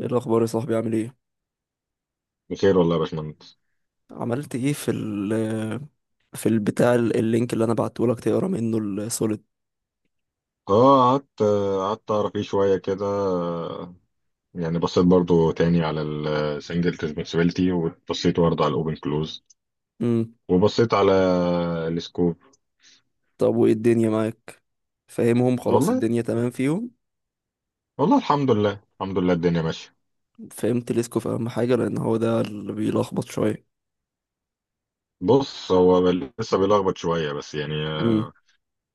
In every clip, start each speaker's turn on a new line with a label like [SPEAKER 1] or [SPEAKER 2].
[SPEAKER 1] ايه الاخبار يا صاحبي؟ عامل ايه؟
[SPEAKER 2] بخير والله يا باشمهندس.
[SPEAKER 1] عملت ايه في ال في البتاع اللينك اللي انا بعته لك تقرا منه السوليد؟
[SPEAKER 2] اه، قعدت اعرف فيه شويه كده. يعني بصيت برضو تاني على السنجل ريسبونسبيلتي، وبصيت برضو على الاوبن كلوز،
[SPEAKER 1] امم
[SPEAKER 2] وبصيت على السكوب.
[SPEAKER 1] طب وايه الدنيا معاك؟ فاهمهم خلاص؟
[SPEAKER 2] والله،
[SPEAKER 1] الدنيا تمام فيهم؟
[SPEAKER 2] والله الحمد لله، الحمد لله الدنيا ماشيه.
[SPEAKER 1] فهمت ليسكو في اهم حاجه، لان هو ده اللي بيلخبط شويه.
[SPEAKER 2] بص، هو لسه بيلخبط شويه بس يعني.
[SPEAKER 1] امم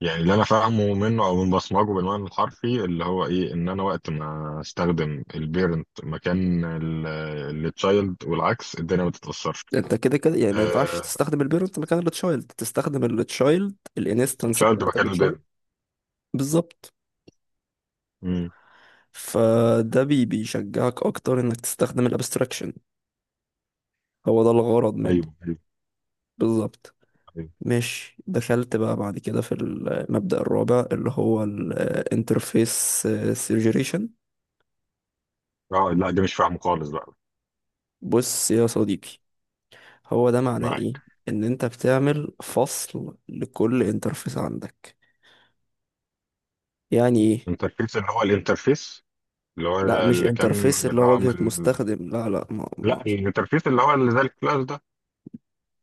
[SPEAKER 2] يعني اللي انا فاهمه منه او من بصمجه بالمعنى الحرفي اللي هو ايه، ان انا وقت ما استخدم البيرنت مكان التشايلد والعكس الدنيا ما تتاثرش.
[SPEAKER 1] انت كده كده يعني ما ينفعش
[SPEAKER 2] آه،
[SPEAKER 1] تستخدم البيرنت مكان التشايلد، تستخدم التشايلد، الانستنس
[SPEAKER 2] تشايلد
[SPEAKER 1] بتاعت
[SPEAKER 2] مكان
[SPEAKER 1] التشايلد.
[SPEAKER 2] البيرن.
[SPEAKER 1] بالظبط.
[SPEAKER 2] امم.
[SPEAKER 1] فده بيشجعك اكتر انك تستخدم الابستراكشن، هو ده الغرض منه.
[SPEAKER 2] ايوه ايوه.
[SPEAKER 1] بالظبط.
[SPEAKER 2] ايوه.
[SPEAKER 1] ماشي، دخلت بقى بعد كده في المبدأ الرابع اللي هو الانترفيس سيجريشن.
[SPEAKER 2] اه، لا دي مش فاهمه خالص بقى.
[SPEAKER 1] بص يا صديقي، هو ده معناه ايه؟
[SPEAKER 2] معاك.
[SPEAKER 1] ان انت بتعمل فصل لكل انترفيس عندك. يعني ايه؟
[SPEAKER 2] انترفيس اللي هو الانترفيس اللي هو...
[SPEAKER 1] لا، مش
[SPEAKER 2] اللي كان
[SPEAKER 1] انترفيس
[SPEAKER 2] اللي
[SPEAKER 1] اللي هو
[SPEAKER 2] هو من
[SPEAKER 1] واجهة
[SPEAKER 2] ال...
[SPEAKER 1] مستخدم، لا لا، ما ما
[SPEAKER 2] لا، الانترفيس اللي هو اللي زي الكلاس ده.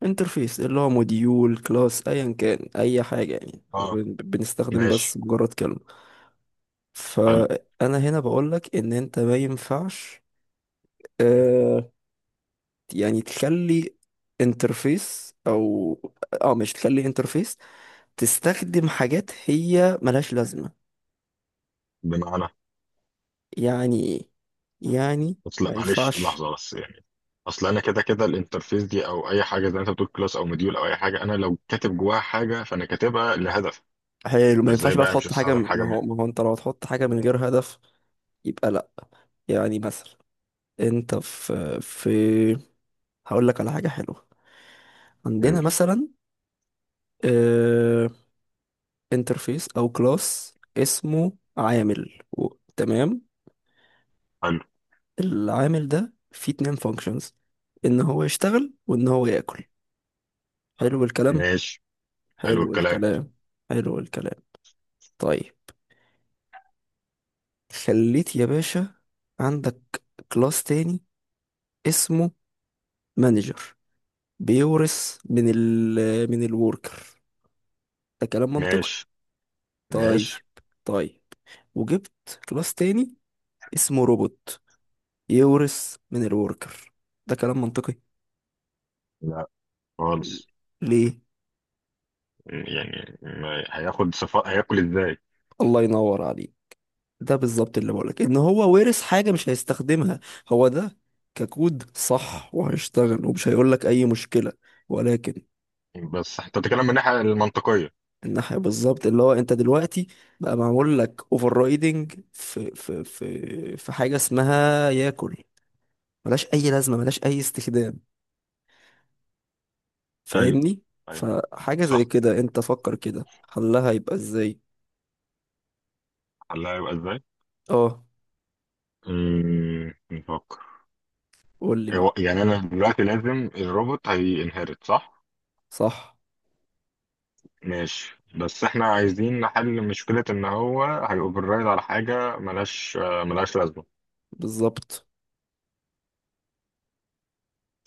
[SPEAKER 1] انترفيس اللي هو موديول، كلاس، ايا كان اي حاجة، يعني احنا
[SPEAKER 2] اه
[SPEAKER 1] بنستخدم بس
[SPEAKER 2] ماشي.
[SPEAKER 1] مجرد كلمة.
[SPEAKER 2] حلو.
[SPEAKER 1] فانا هنا بقولك ان انت ما ينفعش، آه، يعني تخلي انترفيس او اه مش تخلي انترفيس، تستخدم حاجات هي ملهاش لازمة.
[SPEAKER 2] بمعنى.
[SPEAKER 1] يعني ايه؟ يعني ما
[SPEAKER 2] اصل معلش
[SPEAKER 1] ينفعش.
[SPEAKER 2] لحظه بس يعني. اصل انا كده كده الانترفيس دي او اي حاجه زي ما انت بتقول كلاس او مديول او اي حاجه، انا لو كاتب جواها حاجه فانا كاتبها لهدف.
[SPEAKER 1] حلو، ما
[SPEAKER 2] فازاي
[SPEAKER 1] ينفعش بقى
[SPEAKER 2] بقى مش
[SPEAKER 1] تحط حاجة،
[SPEAKER 2] هستخدم حاجه
[SPEAKER 1] ما
[SPEAKER 2] من...
[SPEAKER 1] هو ما هو انت لو هتحط حاجة من غير هدف يبقى لا. يعني مثلا انت في هقول لك على حاجة حلوة. عندنا مثلا انترفيس او كلاس اسمه عامل و... تمام.
[SPEAKER 2] حلو.
[SPEAKER 1] العامل ده فيه اتنين فانكشنز، ان هو يشتغل وان هو ياكل. حلو الكلام.
[SPEAKER 2] ماشي. حلو
[SPEAKER 1] حلو
[SPEAKER 2] الكلام.
[SPEAKER 1] الكلام. حلو الكلام. طيب، خليت يا باشا عندك كلاس تاني اسمه مانجر، بيورث من من الوركر، ده كلام منطقي.
[SPEAKER 2] ماشي
[SPEAKER 1] طيب
[SPEAKER 2] ماشي.
[SPEAKER 1] طيب، وجبت كلاس تاني اسمه روبوت، يورث من الوركر، ده كلام منطقي.
[SPEAKER 2] لا
[SPEAKER 1] ل-
[SPEAKER 2] خالص.
[SPEAKER 1] ليه؟
[SPEAKER 2] يعني ما هياخد صفاء هياكل ازاي.
[SPEAKER 1] الله ينور عليك، ده بالظبط اللي بقولك، ان هو وارث حاجة مش هيستخدمها. هو ده، ككود صح وهيشتغل ومش هيقولك اي مشكلة، ولكن
[SPEAKER 2] بس انت بتتكلم من الناحيه المنطقيه.
[SPEAKER 1] الناحية بالظبط، اللي هو انت دلوقتي بقى معمول لك اوفر رايدنج في حاجة اسمها ياكل، ملهاش اي لازمة، ملهاش اي استخدام.
[SPEAKER 2] ايوه
[SPEAKER 1] فاهمني؟
[SPEAKER 2] ايوه.
[SPEAKER 1] فحاجة زي
[SPEAKER 2] صح.
[SPEAKER 1] كده انت فكر كده، حلها يبقى ازاي؟
[SPEAKER 2] حلها هيبقى ازاي.
[SPEAKER 1] اه،
[SPEAKER 2] امم، نفكر.
[SPEAKER 1] قول لي بقى.
[SPEAKER 2] يعني انا دلوقتي لازم الروبوت هينهرت صح.
[SPEAKER 1] صح.
[SPEAKER 2] ماشي، بس احنا عايزين نحل مشكله ان هو هيوفررايد على حاجه ملهاش آه، ملهاش لازمه.
[SPEAKER 1] بالظبط.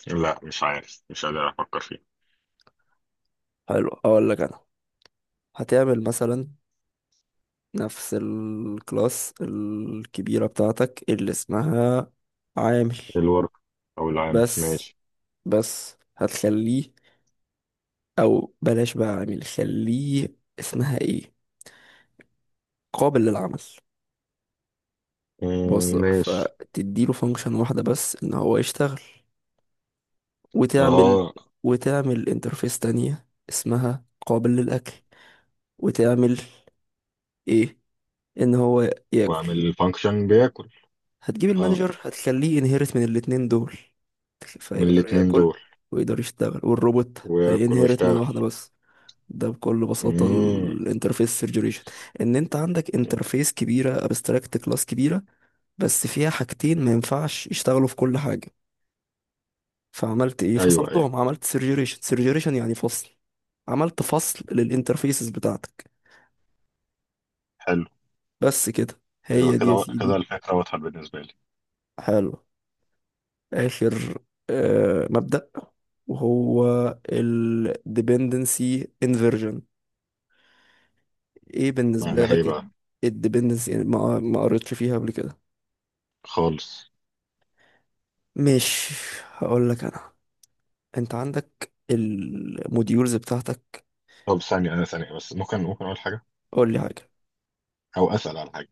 [SPEAKER 2] لا، مش عارف، مش قادر افكر فيه.
[SPEAKER 1] حلو، اقول لك انا، هتعمل مثلا نفس الكلاس الكبيرة بتاعتك اللي اسمها عامل،
[SPEAKER 2] الورك، او العامل،
[SPEAKER 1] بس
[SPEAKER 2] ماشي.
[SPEAKER 1] بس هتخليه، او بلاش بقى عامل، خليه اسمها ايه، قابل للعمل. بص،
[SPEAKER 2] مم، ماشي.
[SPEAKER 1] فتديله فانكشن واحدة بس ان هو يشتغل، وتعمل
[SPEAKER 2] اه.
[SPEAKER 1] وتعمل انترفيس تانية اسمها قابل للأكل، وتعمل ايه، ان هو ياكل.
[SPEAKER 2] واعمل الفانكشن بياكل.
[SPEAKER 1] هتجيب
[SPEAKER 2] اه،
[SPEAKER 1] المانجر هتخليه انهيرت من الاتنين دول،
[SPEAKER 2] من
[SPEAKER 1] فيقدر
[SPEAKER 2] الاتنين
[SPEAKER 1] ياكل
[SPEAKER 2] دول.
[SPEAKER 1] ويقدر يشتغل، والروبوت
[SPEAKER 2] وياكل
[SPEAKER 1] هينهرت من
[SPEAKER 2] ويشتغل.
[SPEAKER 1] واحدة بس. ده بكل بساطة
[SPEAKER 2] امم.
[SPEAKER 1] الانترفيس سيرجريشن، ان انت عندك انترفيس كبيرة، ابستراكت كلاس كبيرة، بس فيها حاجتين ما ينفعش يشتغلوا في كل حاجة، فعملت ايه،
[SPEAKER 2] ايوه ايوه.
[SPEAKER 1] فصلتهم، عملت سيرجريشن، سيرجريشن يعني فصل، عملت فصل للانترفيسز بتاعتك.
[SPEAKER 2] حلو.
[SPEAKER 1] بس كده،
[SPEAKER 2] ايوه
[SPEAKER 1] هي دي يا
[SPEAKER 2] كده كده
[SPEAKER 1] سيدي.
[SPEAKER 2] الفكره واضحه بالنسبه لي.
[SPEAKER 1] حلو، آخر آه، مبدأ وهو ال dependency inversion. ايه بالنسبة
[SPEAKER 2] معناها ايه
[SPEAKER 1] لك ال
[SPEAKER 2] بقى؟
[SPEAKER 1] ال dependency؟ يعني ما قريتش فيها قبل كده؟
[SPEAKER 2] خالص.
[SPEAKER 1] مش، هقول لك انا، انت عندك الموديولز بتاعتك.
[SPEAKER 2] طب ثانيه انا، ثانيه بس، ممكن اقول حاجه
[SPEAKER 1] قول لي حاجة.
[SPEAKER 2] او اسال على حاجه.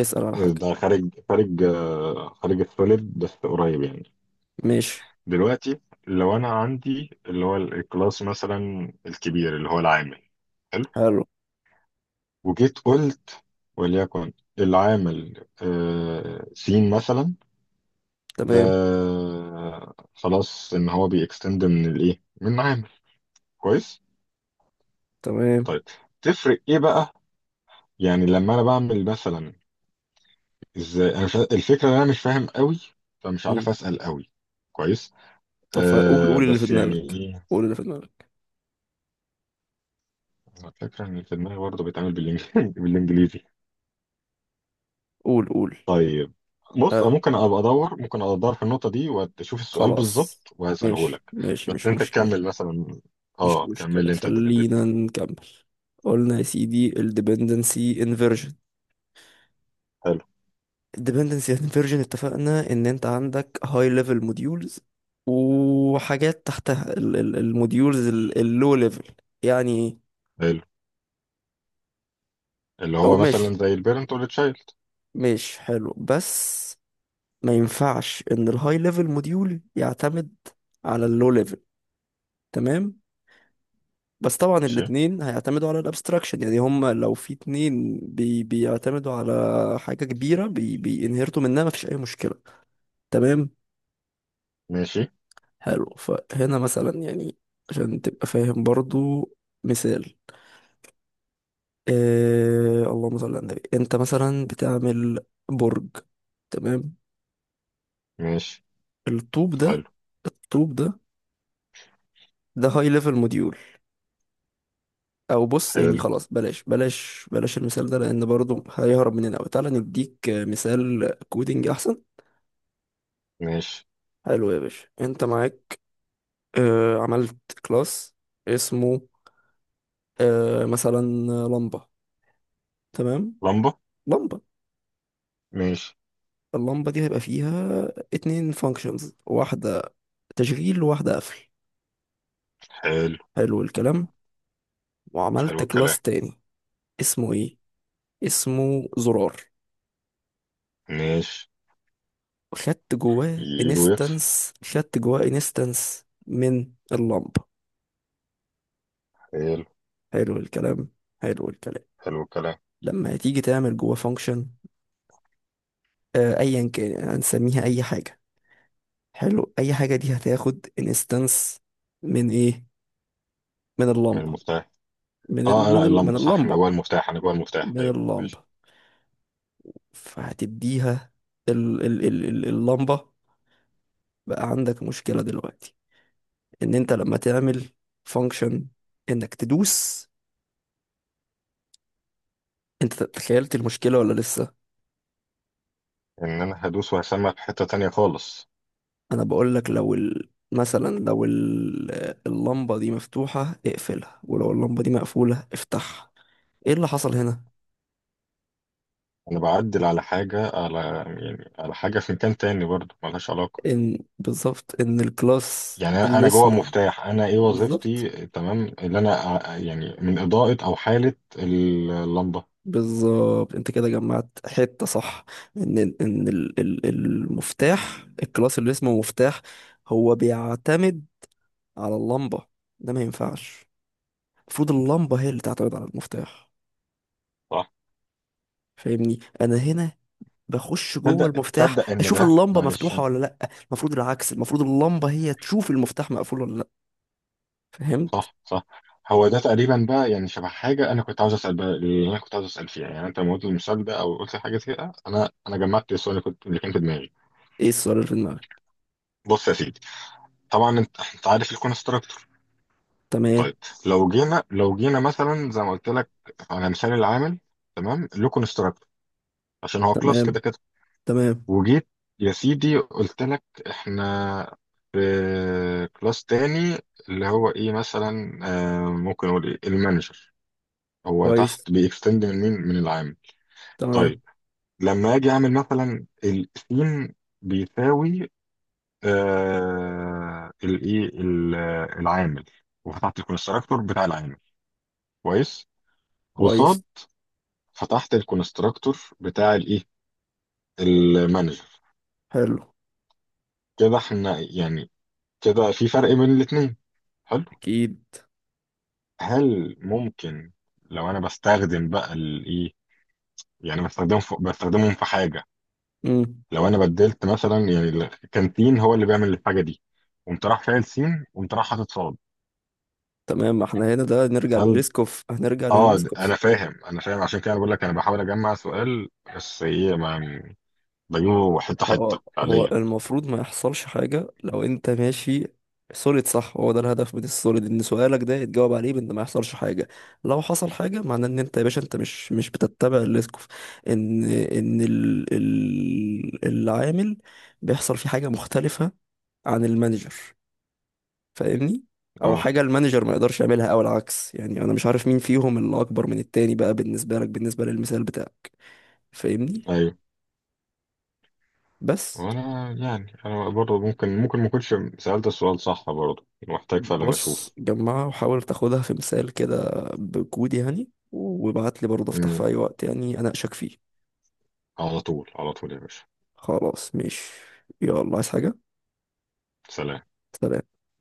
[SPEAKER 1] اسأل على حاجة.
[SPEAKER 2] ده خارج، خارج آه، خارج السوليد بس قريب يعني.
[SPEAKER 1] ماشي.
[SPEAKER 2] دلوقتي لو انا عندي اللي هو الكلاس مثلا الكبير اللي هو العامل. حلو.
[SPEAKER 1] حلو.
[SPEAKER 2] وجيت قلت وليكن العامل آه، سين مثلا.
[SPEAKER 1] تمام.
[SPEAKER 2] آه خلاص ان هو بيكستند من الايه، من عامل. كويس.
[SPEAKER 1] تمام.
[SPEAKER 2] طيب، تفرق ايه بقى؟ يعني لما انا بعمل مثلا، ازاي انا... مش الفكره ان انا مش فاهم قوي فمش
[SPEAKER 1] مم.
[SPEAKER 2] عارف اسال قوي. كويس.
[SPEAKER 1] طب فقول،
[SPEAKER 2] آه،
[SPEAKER 1] قول اللي في
[SPEAKER 2] بس يعني
[SPEAKER 1] دماغك.
[SPEAKER 2] ايه.
[SPEAKER 1] قول اللي في دماغك.
[SPEAKER 2] أنا الفكره ان في دماغي برضه بيتعمل بالانجليزي.
[SPEAKER 1] قول قول.
[SPEAKER 2] طيب. بص، أنا
[SPEAKER 1] اه،
[SPEAKER 2] ممكن ابقى ادور، ممكن ابقى ادور في النقطه دي واشوف السؤال
[SPEAKER 1] خلاص،
[SPEAKER 2] بالظبط وهساله
[SPEAKER 1] ماشي
[SPEAKER 2] لك.
[SPEAKER 1] ماشي،
[SPEAKER 2] بس
[SPEAKER 1] مش
[SPEAKER 2] انت تكمل
[SPEAKER 1] مشكلة.
[SPEAKER 2] مثلا.
[SPEAKER 1] مش
[SPEAKER 2] اه، كمل
[SPEAKER 1] مشكلة،
[SPEAKER 2] لي انت
[SPEAKER 1] خلينا
[SPEAKER 2] الديبندنسي.
[SPEAKER 1] نكمل. قلنا يا سيدي ال dependency inversion.
[SPEAKER 2] حلو.
[SPEAKER 1] ال dependency inversion اتفقنا ان انت عندك high level modules، وحاجات تحتها ال الموديولز ال low level. يعني ايه؟
[SPEAKER 2] حلو. اللي
[SPEAKER 1] او
[SPEAKER 2] هو
[SPEAKER 1] ماشي.
[SPEAKER 2] مثلا زي البيرنت والتشايلد.
[SPEAKER 1] ماشي، حلو، بس ما ينفعش ان ال high level module يعتمد على ال low level. تمام، بس طبعا
[SPEAKER 2] ماشي.
[SPEAKER 1] الاتنين هيعتمدوا على الابستراكشن، يعني هم لو في اتنين بيعتمدوا على حاجة كبيرة بينهرتوا منها مفيش أي مشكلة. تمام.
[SPEAKER 2] ماشي
[SPEAKER 1] حلو، فهنا مثلا يعني عشان تبقى فاهم برضو، مثال، آه اللهم صل على النبي، انت مثلا بتعمل برج، تمام،
[SPEAKER 2] ماشي.
[SPEAKER 1] الطوب ده،
[SPEAKER 2] حلو.
[SPEAKER 1] الطوب ده، ده هاي ليفل موديول، او بص يعني
[SPEAKER 2] حلو.
[SPEAKER 1] خلاص بلاش بلاش بلاش المثال ده، لان برضو هيهرب مننا قوي، تعالى نديك مثال كودينج احسن.
[SPEAKER 2] ماشي.
[SPEAKER 1] حلو يا باشا، انت معاك، آه، عملت كلاس اسمه، آه مثلا، لمبة، تمام،
[SPEAKER 2] لمبة.
[SPEAKER 1] لمبة.
[SPEAKER 2] ماشي.
[SPEAKER 1] اللمبة دي هيبقى فيها اتنين فانكشنز، واحدة تشغيل وواحدة قفل.
[SPEAKER 2] حلو.
[SPEAKER 1] حلو الكلام.
[SPEAKER 2] حلو
[SPEAKER 1] وعملت
[SPEAKER 2] الكلام.
[SPEAKER 1] كلاس تاني اسمه ايه، اسمه زرار،
[SPEAKER 2] ماشي.
[SPEAKER 1] خدت جواه
[SPEAKER 2] يجي ويطفي.
[SPEAKER 1] انستنس، خدت جواه انستنس من اللمبة.
[SPEAKER 2] حلو.
[SPEAKER 1] حلو الكلام. حلو الكلام.
[SPEAKER 2] حلو الكلام.
[SPEAKER 1] لما هتيجي تعمل جواه فانكشن، آه ايا كان، هنسميها اي حاجة، حلو، اي حاجه دي هتاخد انستنس من ايه، من
[SPEAKER 2] من
[SPEAKER 1] اللمبه،
[SPEAKER 2] المفتاح. اه لا،
[SPEAKER 1] من
[SPEAKER 2] اللمبة صح، انا
[SPEAKER 1] اللمبه،
[SPEAKER 2] جوه المفتاح، انا جوه المفتاح،
[SPEAKER 1] من
[SPEAKER 2] ايوه
[SPEAKER 1] اللمبه،
[SPEAKER 2] ماشي.
[SPEAKER 1] فهتديها اللمبه. بقى عندك مشكله دلوقتي، ان انت لما تعمل فانكشن، انك تدوس، انت تخيلت المشكله ولا لسه؟
[SPEAKER 2] ان انا هدوس وهسمع في حتة تانية خالص.
[SPEAKER 1] انا بقول لك، لو ال... اللمبه دي مفتوحه اقفلها، ولو اللمبه دي مقفوله افتحها. ايه اللي حصل هنا؟
[SPEAKER 2] انا بعدل على حاجة، على يعني على حاجة في مكان تاني برضه ملهاش علاقة.
[SPEAKER 1] ان بالظبط ان الكلاس
[SPEAKER 2] يعني انا
[SPEAKER 1] اللي
[SPEAKER 2] أنا جوه
[SPEAKER 1] اسمه
[SPEAKER 2] مفتاح، انا ايه
[SPEAKER 1] بالظبط،
[SPEAKER 2] وظيفتي؟ تمام اللي انا يعني من اضاءة او حالة اللمبة.
[SPEAKER 1] بالظبط، انت كده جمعت حته صح، ان المفتاح، الكلاس اللي اسمه مفتاح، هو بيعتمد على اللمبه، ده ما ينفعش. المفروض اللمبه هي اللي تعتمد على المفتاح.
[SPEAKER 2] صح.
[SPEAKER 1] فاهمني؟ انا هنا بخش جوه
[SPEAKER 2] تصدق،
[SPEAKER 1] المفتاح
[SPEAKER 2] تصدق ان
[SPEAKER 1] اشوف
[SPEAKER 2] ده
[SPEAKER 1] اللمبه
[SPEAKER 2] معلش.
[SPEAKER 1] مفتوحه ولا لا، المفروض العكس، المفروض اللمبه هي تشوف المفتاح مقفول ولا لا. فهمت؟
[SPEAKER 2] صح صح. هو ده تقريبا بقى، يعني شبه حاجه انا كنت عاوز اسال بقى، اللي انا كنت عاوز اسال فيها، يعني انت لما قلت المثال ده او قلت حاجه كده انا جمعت السؤال اللي كنت، اللي كان في دماغي.
[SPEAKER 1] ايه السؤال اللي في دماغك؟
[SPEAKER 2] بص يا سيدي، طبعا انت عارف الكونستراكتور.
[SPEAKER 1] تمام.
[SPEAKER 2] طيب، لو جينا مثلا زي ما قلت لك على مثال العامل. تمام، له كونستراكتور عشان هو كلاس
[SPEAKER 1] تمام.
[SPEAKER 2] كده كده.
[SPEAKER 1] تمام.
[SPEAKER 2] وجيت، يا سيدي قلت لك احنا في كلاس تاني اللي هو ايه مثلا آه، ممكن اقول ايه، المانجر. هو
[SPEAKER 1] كويس.
[SPEAKER 2] تحت بيكستند من مين، من العامل.
[SPEAKER 1] تمام.
[SPEAKER 2] طيب، لما اجي اعمل مثلا السين بيساوي آه الايه العامل. وفتحت الكونستراكتور بتاع العامل. كويس. وصاد
[SPEAKER 1] كويس.
[SPEAKER 2] فتحت الكونستراكتور بتاع الايه المانجر.
[SPEAKER 1] حلو.
[SPEAKER 2] كده احنا يعني كده في فرق بين الاثنين.
[SPEAKER 1] اكيد.
[SPEAKER 2] هل ممكن لو انا بستخدم بقى الايه، يعني بستخدمهم في حاجه، لو انا بدلت مثلا يعني كان سين هو اللي بيعمل الحاجه دي، قمت راح فاعل سين، قمت راح حاطط صاد.
[SPEAKER 1] تمام. ما احنا هنا ده نرجع
[SPEAKER 2] هل...
[SPEAKER 1] للليسكوف، هنرجع
[SPEAKER 2] اه،
[SPEAKER 1] للليسكوف.
[SPEAKER 2] انا فاهم، انا فاهم، عشان كده انا بقول لك انا بحاول اجمع سؤال، بس ايه، ما يعني بجيبه حته حته
[SPEAKER 1] هو هو
[SPEAKER 2] فعليا.
[SPEAKER 1] المفروض ما يحصلش حاجة لو انت ماشي سوليد صح، هو ده الهدف من السوليد، ان سؤالك ده يتجاوب عليه بان ما يحصلش حاجة. لو حصل حاجة معناه ان انت يا باشا انت مش بتتبع الليسكوف، ان العامل بيحصل فيه حاجة مختلفة عن المانجر. فاهمني؟ او
[SPEAKER 2] اه
[SPEAKER 1] حاجة المانجر ما يقدرش يعملها او العكس، يعني انا مش عارف مين فيهم اللي اكبر من التاني بقى بالنسبة لك، بالنسبة للمثال بتاعك. فاهمني؟
[SPEAKER 2] ايوه.
[SPEAKER 1] بس
[SPEAKER 2] وانا يعني انا برضه ممكن، ما كنتش سالت السؤال صح برضه، محتاج فعلا
[SPEAKER 1] بص،
[SPEAKER 2] اشوف.
[SPEAKER 1] جمعها وحاول تاخدها في مثال كده، بكود يعني، وابعت لي برضه، افتح في
[SPEAKER 2] مم.
[SPEAKER 1] اي وقت يعني اناقشك فيه.
[SPEAKER 2] على طول، على طول يا باشا.
[SPEAKER 1] خلاص ماشي. يلا، عايز حاجة؟
[SPEAKER 2] سلام.
[SPEAKER 1] سلام.